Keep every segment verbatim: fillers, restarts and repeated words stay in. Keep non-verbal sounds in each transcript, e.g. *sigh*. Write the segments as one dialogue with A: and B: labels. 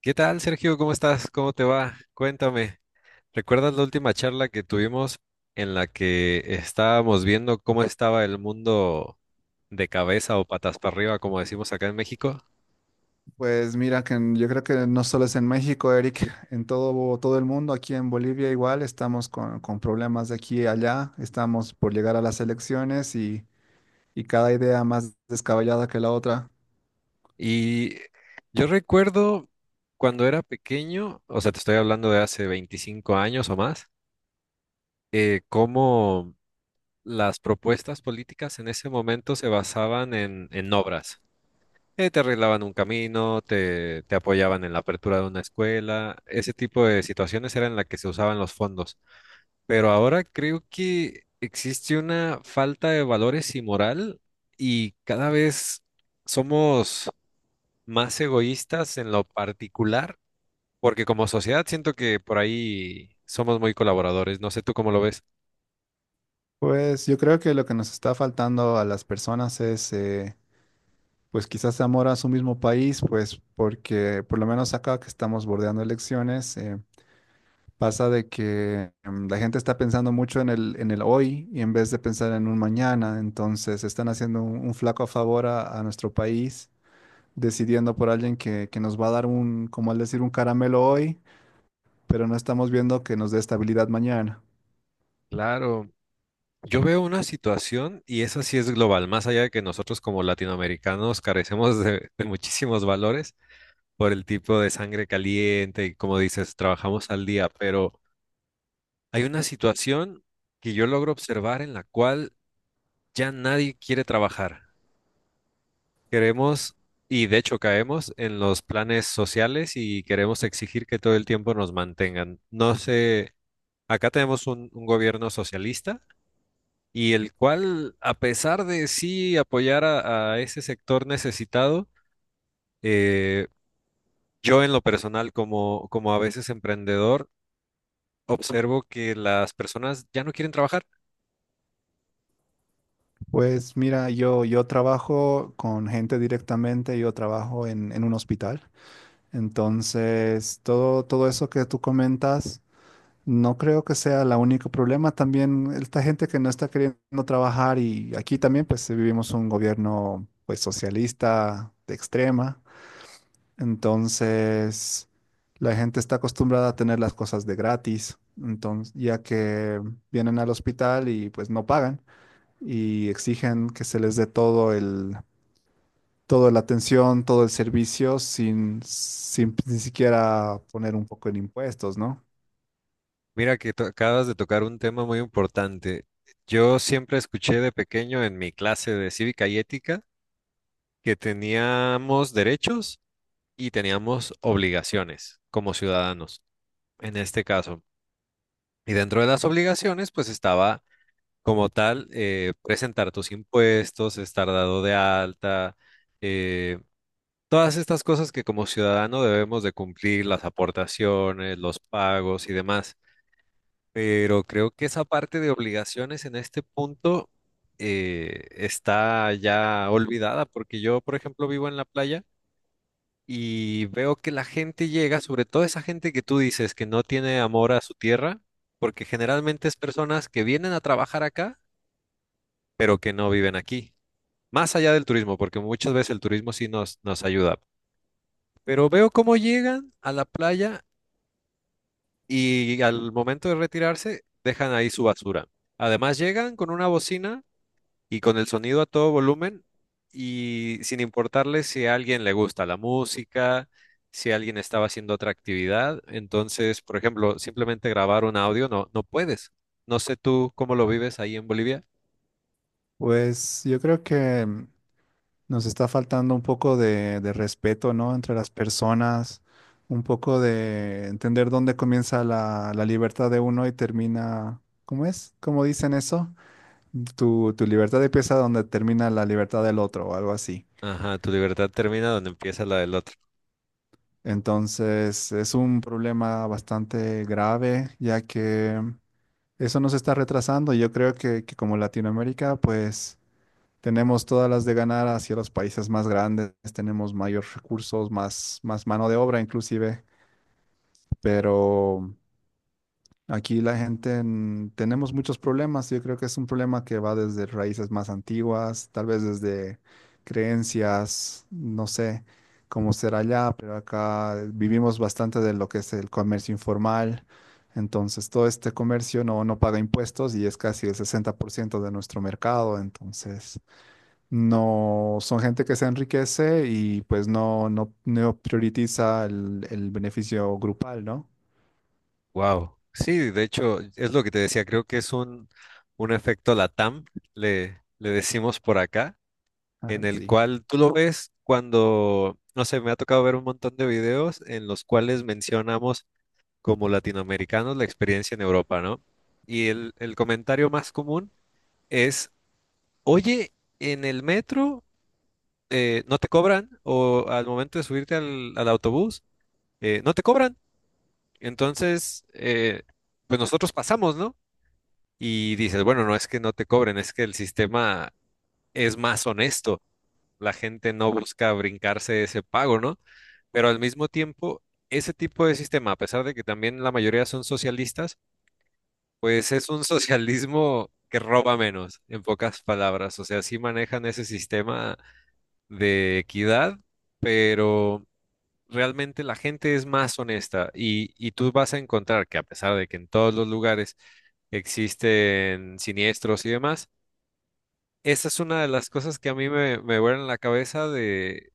A: ¿Qué tal, Sergio? ¿Cómo estás? ¿Cómo te va? Cuéntame. ¿Recuerdas la última charla que tuvimos en la que estábamos viendo cómo estaba el mundo de cabeza o patas para arriba, como decimos acá en México?
B: Pues mira, que en- yo creo que no solo es en México, Eric, *laughs* en todo, todo el mundo. Aquí en Bolivia igual estamos con, con problemas de aquí y allá, estamos por llegar a las elecciones y, y cada idea más descabellada que la otra.
A: Y yo recuerdo cuando era pequeño, o sea, te estoy hablando de hace veinticinco años o más, eh, cómo las propuestas políticas en ese momento se basaban en, en obras. Eh, te arreglaban un camino, te, te apoyaban en la apertura de una escuela. Ese tipo de situaciones eran las que se usaban los fondos. Pero ahora creo que existe una falta de valores y moral, y cada vez somos más egoístas en lo particular, porque como sociedad siento que por ahí somos muy colaboradores. No sé tú cómo lo ves.
B: Pues yo creo que lo que nos está faltando a las personas es, eh, pues quizás amor a su mismo país, pues porque por lo menos acá que estamos bordeando elecciones. eh, Pasa de que em, la gente está pensando mucho en el, en el hoy y en vez de pensar en un mañana, entonces están haciendo un, un flaco favor a, a nuestro país, decidiendo por alguien que, que nos va a dar un, como al decir, un caramelo hoy, pero no estamos viendo que nos dé estabilidad mañana.
A: Claro. Yo veo una situación y esa sí es global, más allá de que nosotros como latinoamericanos carecemos de de muchísimos valores, por el tipo de sangre caliente y, como dices, trabajamos al día. Pero hay una situación que yo logro observar en la cual ya nadie quiere trabajar. Queremos, y de hecho caemos en los planes sociales y queremos exigir que todo el tiempo nos mantengan. No sé, acá tenemos un, un gobierno socialista, y el cual, a pesar de sí apoyar a, a ese sector necesitado, eh, yo en lo personal, como, como a veces emprendedor, observo que las personas ya no quieren trabajar.
B: Pues mira, yo, yo trabajo con gente directamente. Yo trabajo en, en un hospital, entonces todo, todo eso que tú comentas, no creo que sea el único problema. También esta gente que no está queriendo trabajar, y aquí también pues vivimos un gobierno pues socialista de extrema. Entonces la gente está acostumbrada a tener las cosas de gratis. Entonces ya que vienen al hospital y pues no pagan y exigen que se les dé todo el toda la atención, todo el servicio sin sin ni siquiera poner un poco en impuestos, ¿no?
A: Mira que to- acabas de tocar un tema muy importante. Yo siempre escuché de pequeño en mi clase de cívica y ética que teníamos derechos y teníamos obligaciones como ciudadanos, en este caso. Y dentro de las obligaciones, pues estaba como tal, eh, presentar tus impuestos, estar dado de alta, eh, todas estas cosas que como ciudadano debemos de cumplir, las aportaciones, los pagos y demás. Pero creo que esa parte de obligaciones en este punto, eh, está ya olvidada, porque yo, por ejemplo, vivo en la playa y veo que la gente llega, sobre todo esa gente que tú dices que no tiene amor a su tierra, porque generalmente es personas que vienen a trabajar acá, pero que no viven aquí, más allá del turismo, porque muchas veces el turismo sí nos, nos ayuda. Pero veo cómo llegan a la playa y al momento de retirarse dejan ahí su basura. Además llegan con una bocina y con el sonido a todo volumen y sin importarle si a alguien le gusta la música, si alguien estaba haciendo otra actividad. Entonces, por ejemplo, simplemente grabar un audio no, no puedes. No sé tú cómo lo vives ahí en Bolivia.
B: Pues yo creo que nos está faltando un poco de, de respeto, ¿no? Entre las personas, un poco de entender dónde comienza la, la libertad de uno y termina. ¿Cómo es? ¿Cómo dicen eso? Tu, tu libertad empieza donde termina la libertad del otro o algo así.
A: Ajá, tu libertad termina donde empieza la del otro.
B: Entonces, es un problema bastante grave, ya que eso nos está retrasando. y Yo creo que, que como Latinoamérica, pues tenemos todas las de ganar hacia los países más grandes, tenemos mayores recursos, más, más mano de obra inclusive, pero aquí la gente en- tenemos muchos problemas. Yo creo que es un problema que va desde raíces más antiguas, tal vez desde creencias, no sé cómo será allá, pero acá vivimos bastante de lo que es el comercio informal. Entonces, todo este comercio no, no paga impuestos y es casi el sesenta por ciento de nuestro mercado. Entonces no, son gente que se enriquece y pues no, no, no prioritiza el, el beneficio grupal, ¿no?
A: Wow. Sí, de hecho, es lo que te decía, creo que es un, un efecto LATAM, le, le decimos por acá,
B: *laughs* Ajá,
A: en el
B: sí.
A: cual tú lo ves cuando, no sé, me ha tocado ver un montón de videos en los cuales mencionamos como latinoamericanos la experiencia en Europa, ¿no? Y el, el comentario más común es, oye, en el metro, eh, no te cobran, o al momento de subirte al, al autobús eh, no te cobran. Entonces, eh, pues nosotros pasamos, ¿no? Y dices, bueno, no es que no te cobren, es que el sistema es más honesto. La gente no busca brincarse ese pago, ¿no? Pero al mismo tiempo, ese tipo de sistema, a pesar de que también la mayoría son socialistas, pues es un socialismo que roba menos, en pocas palabras. O sea, sí manejan ese sistema de equidad, pero realmente la gente es más honesta, y, y tú vas a encontrar que, a pesar de que en todos los lugares existen siniestros y demás, esa es una de las cosas que a mí me, me vuelan la cabeza, de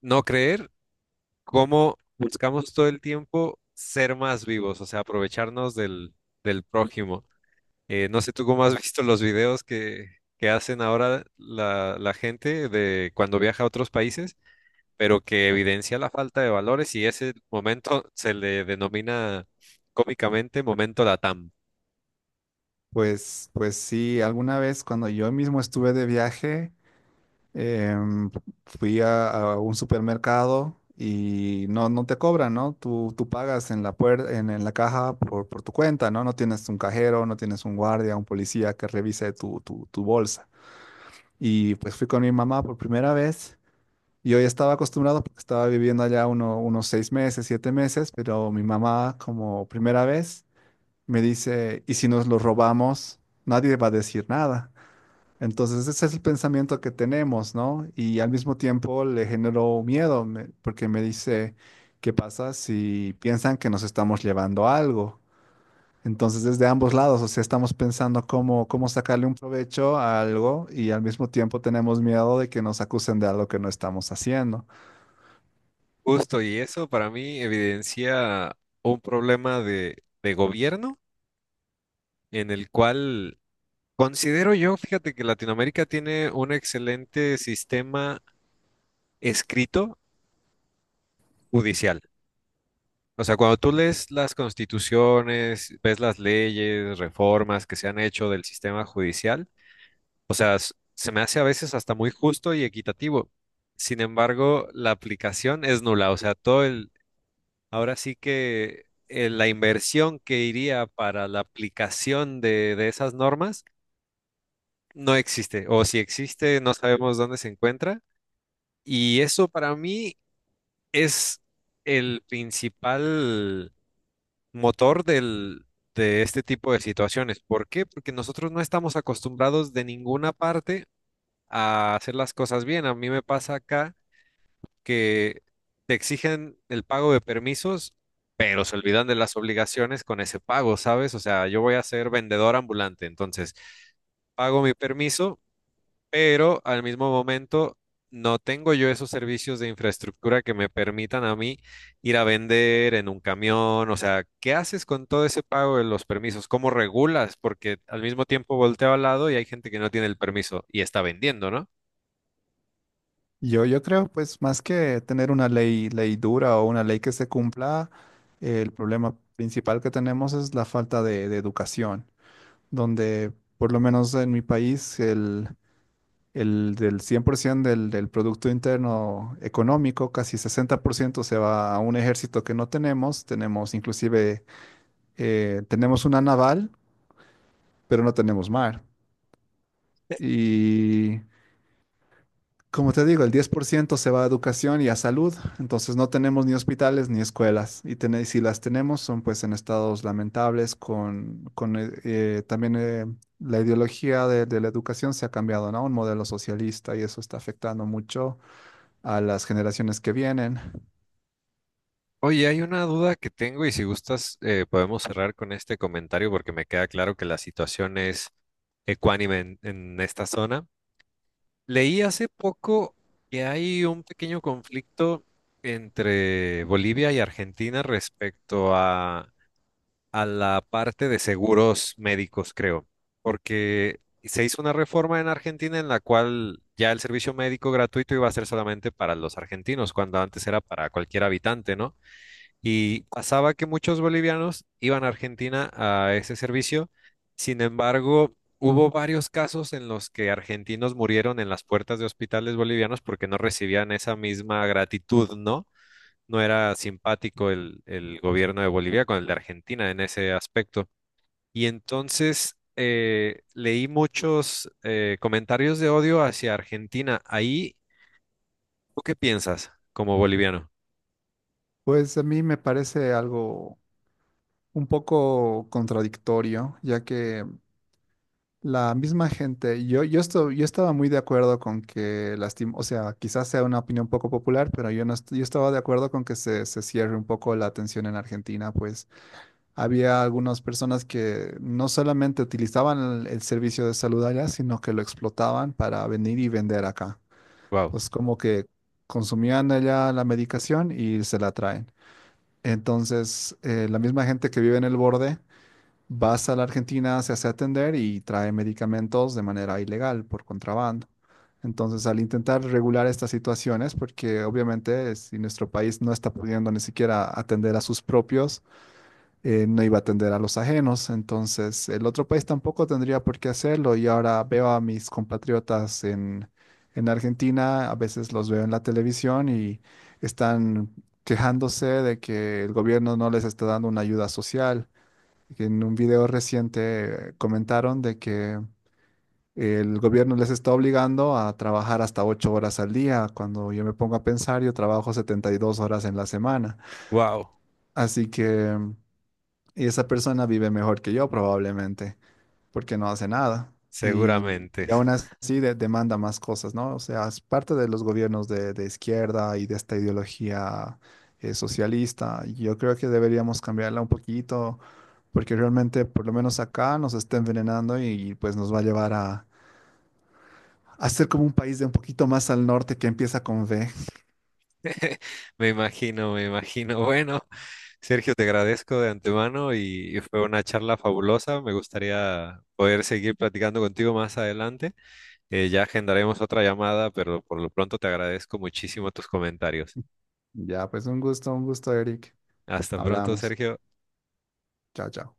A: no creer cómo buscamos todo el tiempo ser más vivos, o sea, aprovecharnos del, del prójimo. Eh, no sé tú cómo has visto los videos que, que hacen ahora la, la gente de cuando viaja a otros países, pero que evidencia la falta de valores, y ese momento se le denomina cómicamente momento Latam.
B: Pues, pues sí, alguna vez cuando yo mismo estuve de viaje, em, fui a, a un supermercado y no, no te cobran, ¿no? Tú, tú pagas en la puer- en, en la caja por, por tu cuenta, ¿no? No tienes un cajero, no tienes un guardia, un policía que revise tu, tu tu bolsa. Y pues fui con mi mamá por primera vez. Y hoy estaba acostumbrado porque estaba viviendo allá uno- unos seis meses, siete meses, pero mi mamá, como primera vez, me dice, ¿y si nos lo robamos? Nadie va a decir nada. Entonces ese es el pensamiento que tenemos, ¿no? Y al mismo tiempo le generó miedo me- porque me dice, ¿qué pasa si piensan que nos estamos llevando algo? Entonces desde ambos lados, o sea, estamos pensando cómo, cómo sacarle un provecho a algo y al mismo tiempo tenemos miedo de que nos acusen de algo que no estamos haciendo.
A: Justo, y eso para mí evidencia un problema de, de gobierno en el cual, considero yo, fíjate que Latinoamérica tiene un excelente sistema escrito judicial. O sea, cuando tú lees las constituciones, ves las leyes, reformas que se han hecho del sistema judicial, o sea, s- se me hace a veces hasta muy justo y equitativo. Sin embargo, la aplicación es nula. O sea, todo el, ahora sí que, eh, la inversión que iría para la aplicación de, de esas normas no existe. O si existe, no sabemos dónde se encuentra. Y eso para mí es el principal motor del, de este tipo de situaciones. ¿Por qué? Porque nosotros no estamos acostumbrados de ninguna parte a hacer las cosas bien. A mí me pasa acá que te exigen el pago de permisos, pero se olvidan de las obligaciones con ese pago, ¿sabes? O sea, yo voy a ser vendedor ambulante, entonces pago mi permiso, pero al mismo momento no tengo yo esos servicios de infraestructura que me permitan a mí ir a vender en un camión. O sea, ¿qué haces con todo ese pago de los permisos? ¿Cómo regulas? Porque al mismo tiempo volteo al lado y hay gente que no tiene el permiso y está vendiendo, ¿no?
B: Yo, yo creo, pues, más que tener una ley, ley dura o una ley que se cumpla, eh, el problema principal que tenemos es la falta de, de educación, donde, por lo menos en mi país, el, el del cien por ciento del, del Producto Interno Económico, casi sesenta por ciento se va a un ejército que no tenemos. Tenemos inclusive, eh, tenemos una naval, pero no tenemos mar. Y como te digo, el diez por ciento se va a educación y a salud, entonces no tenemos ni hospitales ni escuelas, y, ten- si las tenemos son pues en estados lamentables, con, con, eh, eh, también eh, la ideología de, de la educación se ha cambiado, ¿no? Un modelo socialista y eso está afectando mucho a las generaciones que vienen.
A: Oye, hay una duda que tengo, y si gustas, eh, podemos cerrar con este comentario, porque me queda claro que la situación es ecuánime en en esta zona. Leí hace poco que hay un pequeño conflicto entre Bolivia y Argentina respecto a, a la parte de seguros médicos, creo, porque se hizo una reforma en Argentina en la cual ya el servicio médico gratuito iba a ser solamente para los argentinos, cuando antes era para cualquier habitante, ¿no? Y pasaba que muchos bolivianos iban a Argentina a ese servicio. Sin embargo, hubo varios casos en los que argentinos murieron en las puertas de hospitales bolivianos porque no recibían esa misma gratitud, ¿no? No era simpático el, el gobierno de Bolivia con el de Argentina en ese aspecto. Y entonces, eh, leí muchos eh, comentarios de odio hacia Argentina. Ahí, ¿tú qué piensas como boliviano?
B: Pues a mí me parece algo un poco contradictorio, ya que la misma gente, yo, yo, esto, yo estaba muy de acuerdo con que, lastim- o sea, quizás sea una opinión poco popular, pero yo, no est- yo estaba de acuerdo con que se, se cierre un poco la atención en Argentina, pues había algunas personas que no solamente utilizaban el, el servicio de salud allá, sino que lo explotaban para venir y vender acá.
A: Wow.
B: Pues como que consumían allá la medicación y se la traen. Entonces, eh, la misma gente que vive en el borde vas a la Argentina, se hace atender y trae medicamentos de manera ilegal, por contrabando. Entonces, al intentar regular estas situaciones, porque obviamente eh, si nuestro país no está pudiendo ni siquiera atender a sus propios, eh, no iba a atender a los ajenos. Entonces, el otro país tampoco tendría por qué hacerlo. Y ahora veo a mis compatriotas en, en Argentina, a veces los veo en la televisión y están quejándose de que el gobierno no les está dando una ayuda social, que en un video reciente eh, comentaron de que el gobierno les está obligando a trabajar hasta ocho horas al día. Cuando yo me pongo a pensar, yo trabajo setenta y dos horas en la semana.
A: Wow,
B: Así que mm, esa persona vive mejor que yo probablemente, porque no hace nada. Y,
A: seguramente.
B: y aún así de- demanda más cosas, ¿no? O sea, es parte de los gobiernos de, de izquierda y de esta ideología eh, socialista. Yo creo que deberíamos cambiarla un poquito porque realmente por lo menos acá nos está envenenando y pues nos va a llevar a, a ser como un país de un poquito más al norte que empieza con V.
A: *laughs* Me imagino, me imagino. Bueno, Sergio, te agradezco de antemano, y, y fue una charla fabulosa. Me gustaría poder seguir platicando contigo más adelante. Eh, ya agendaremos otra llamada, pero por lo pronto te agradezco muchísimo tus comentarios.
B: Ya, pues un gusto, un gusto, Eric.
A: Hasta pronto,
B: Hablamos.
A: Sergio.
B: Chao, chao.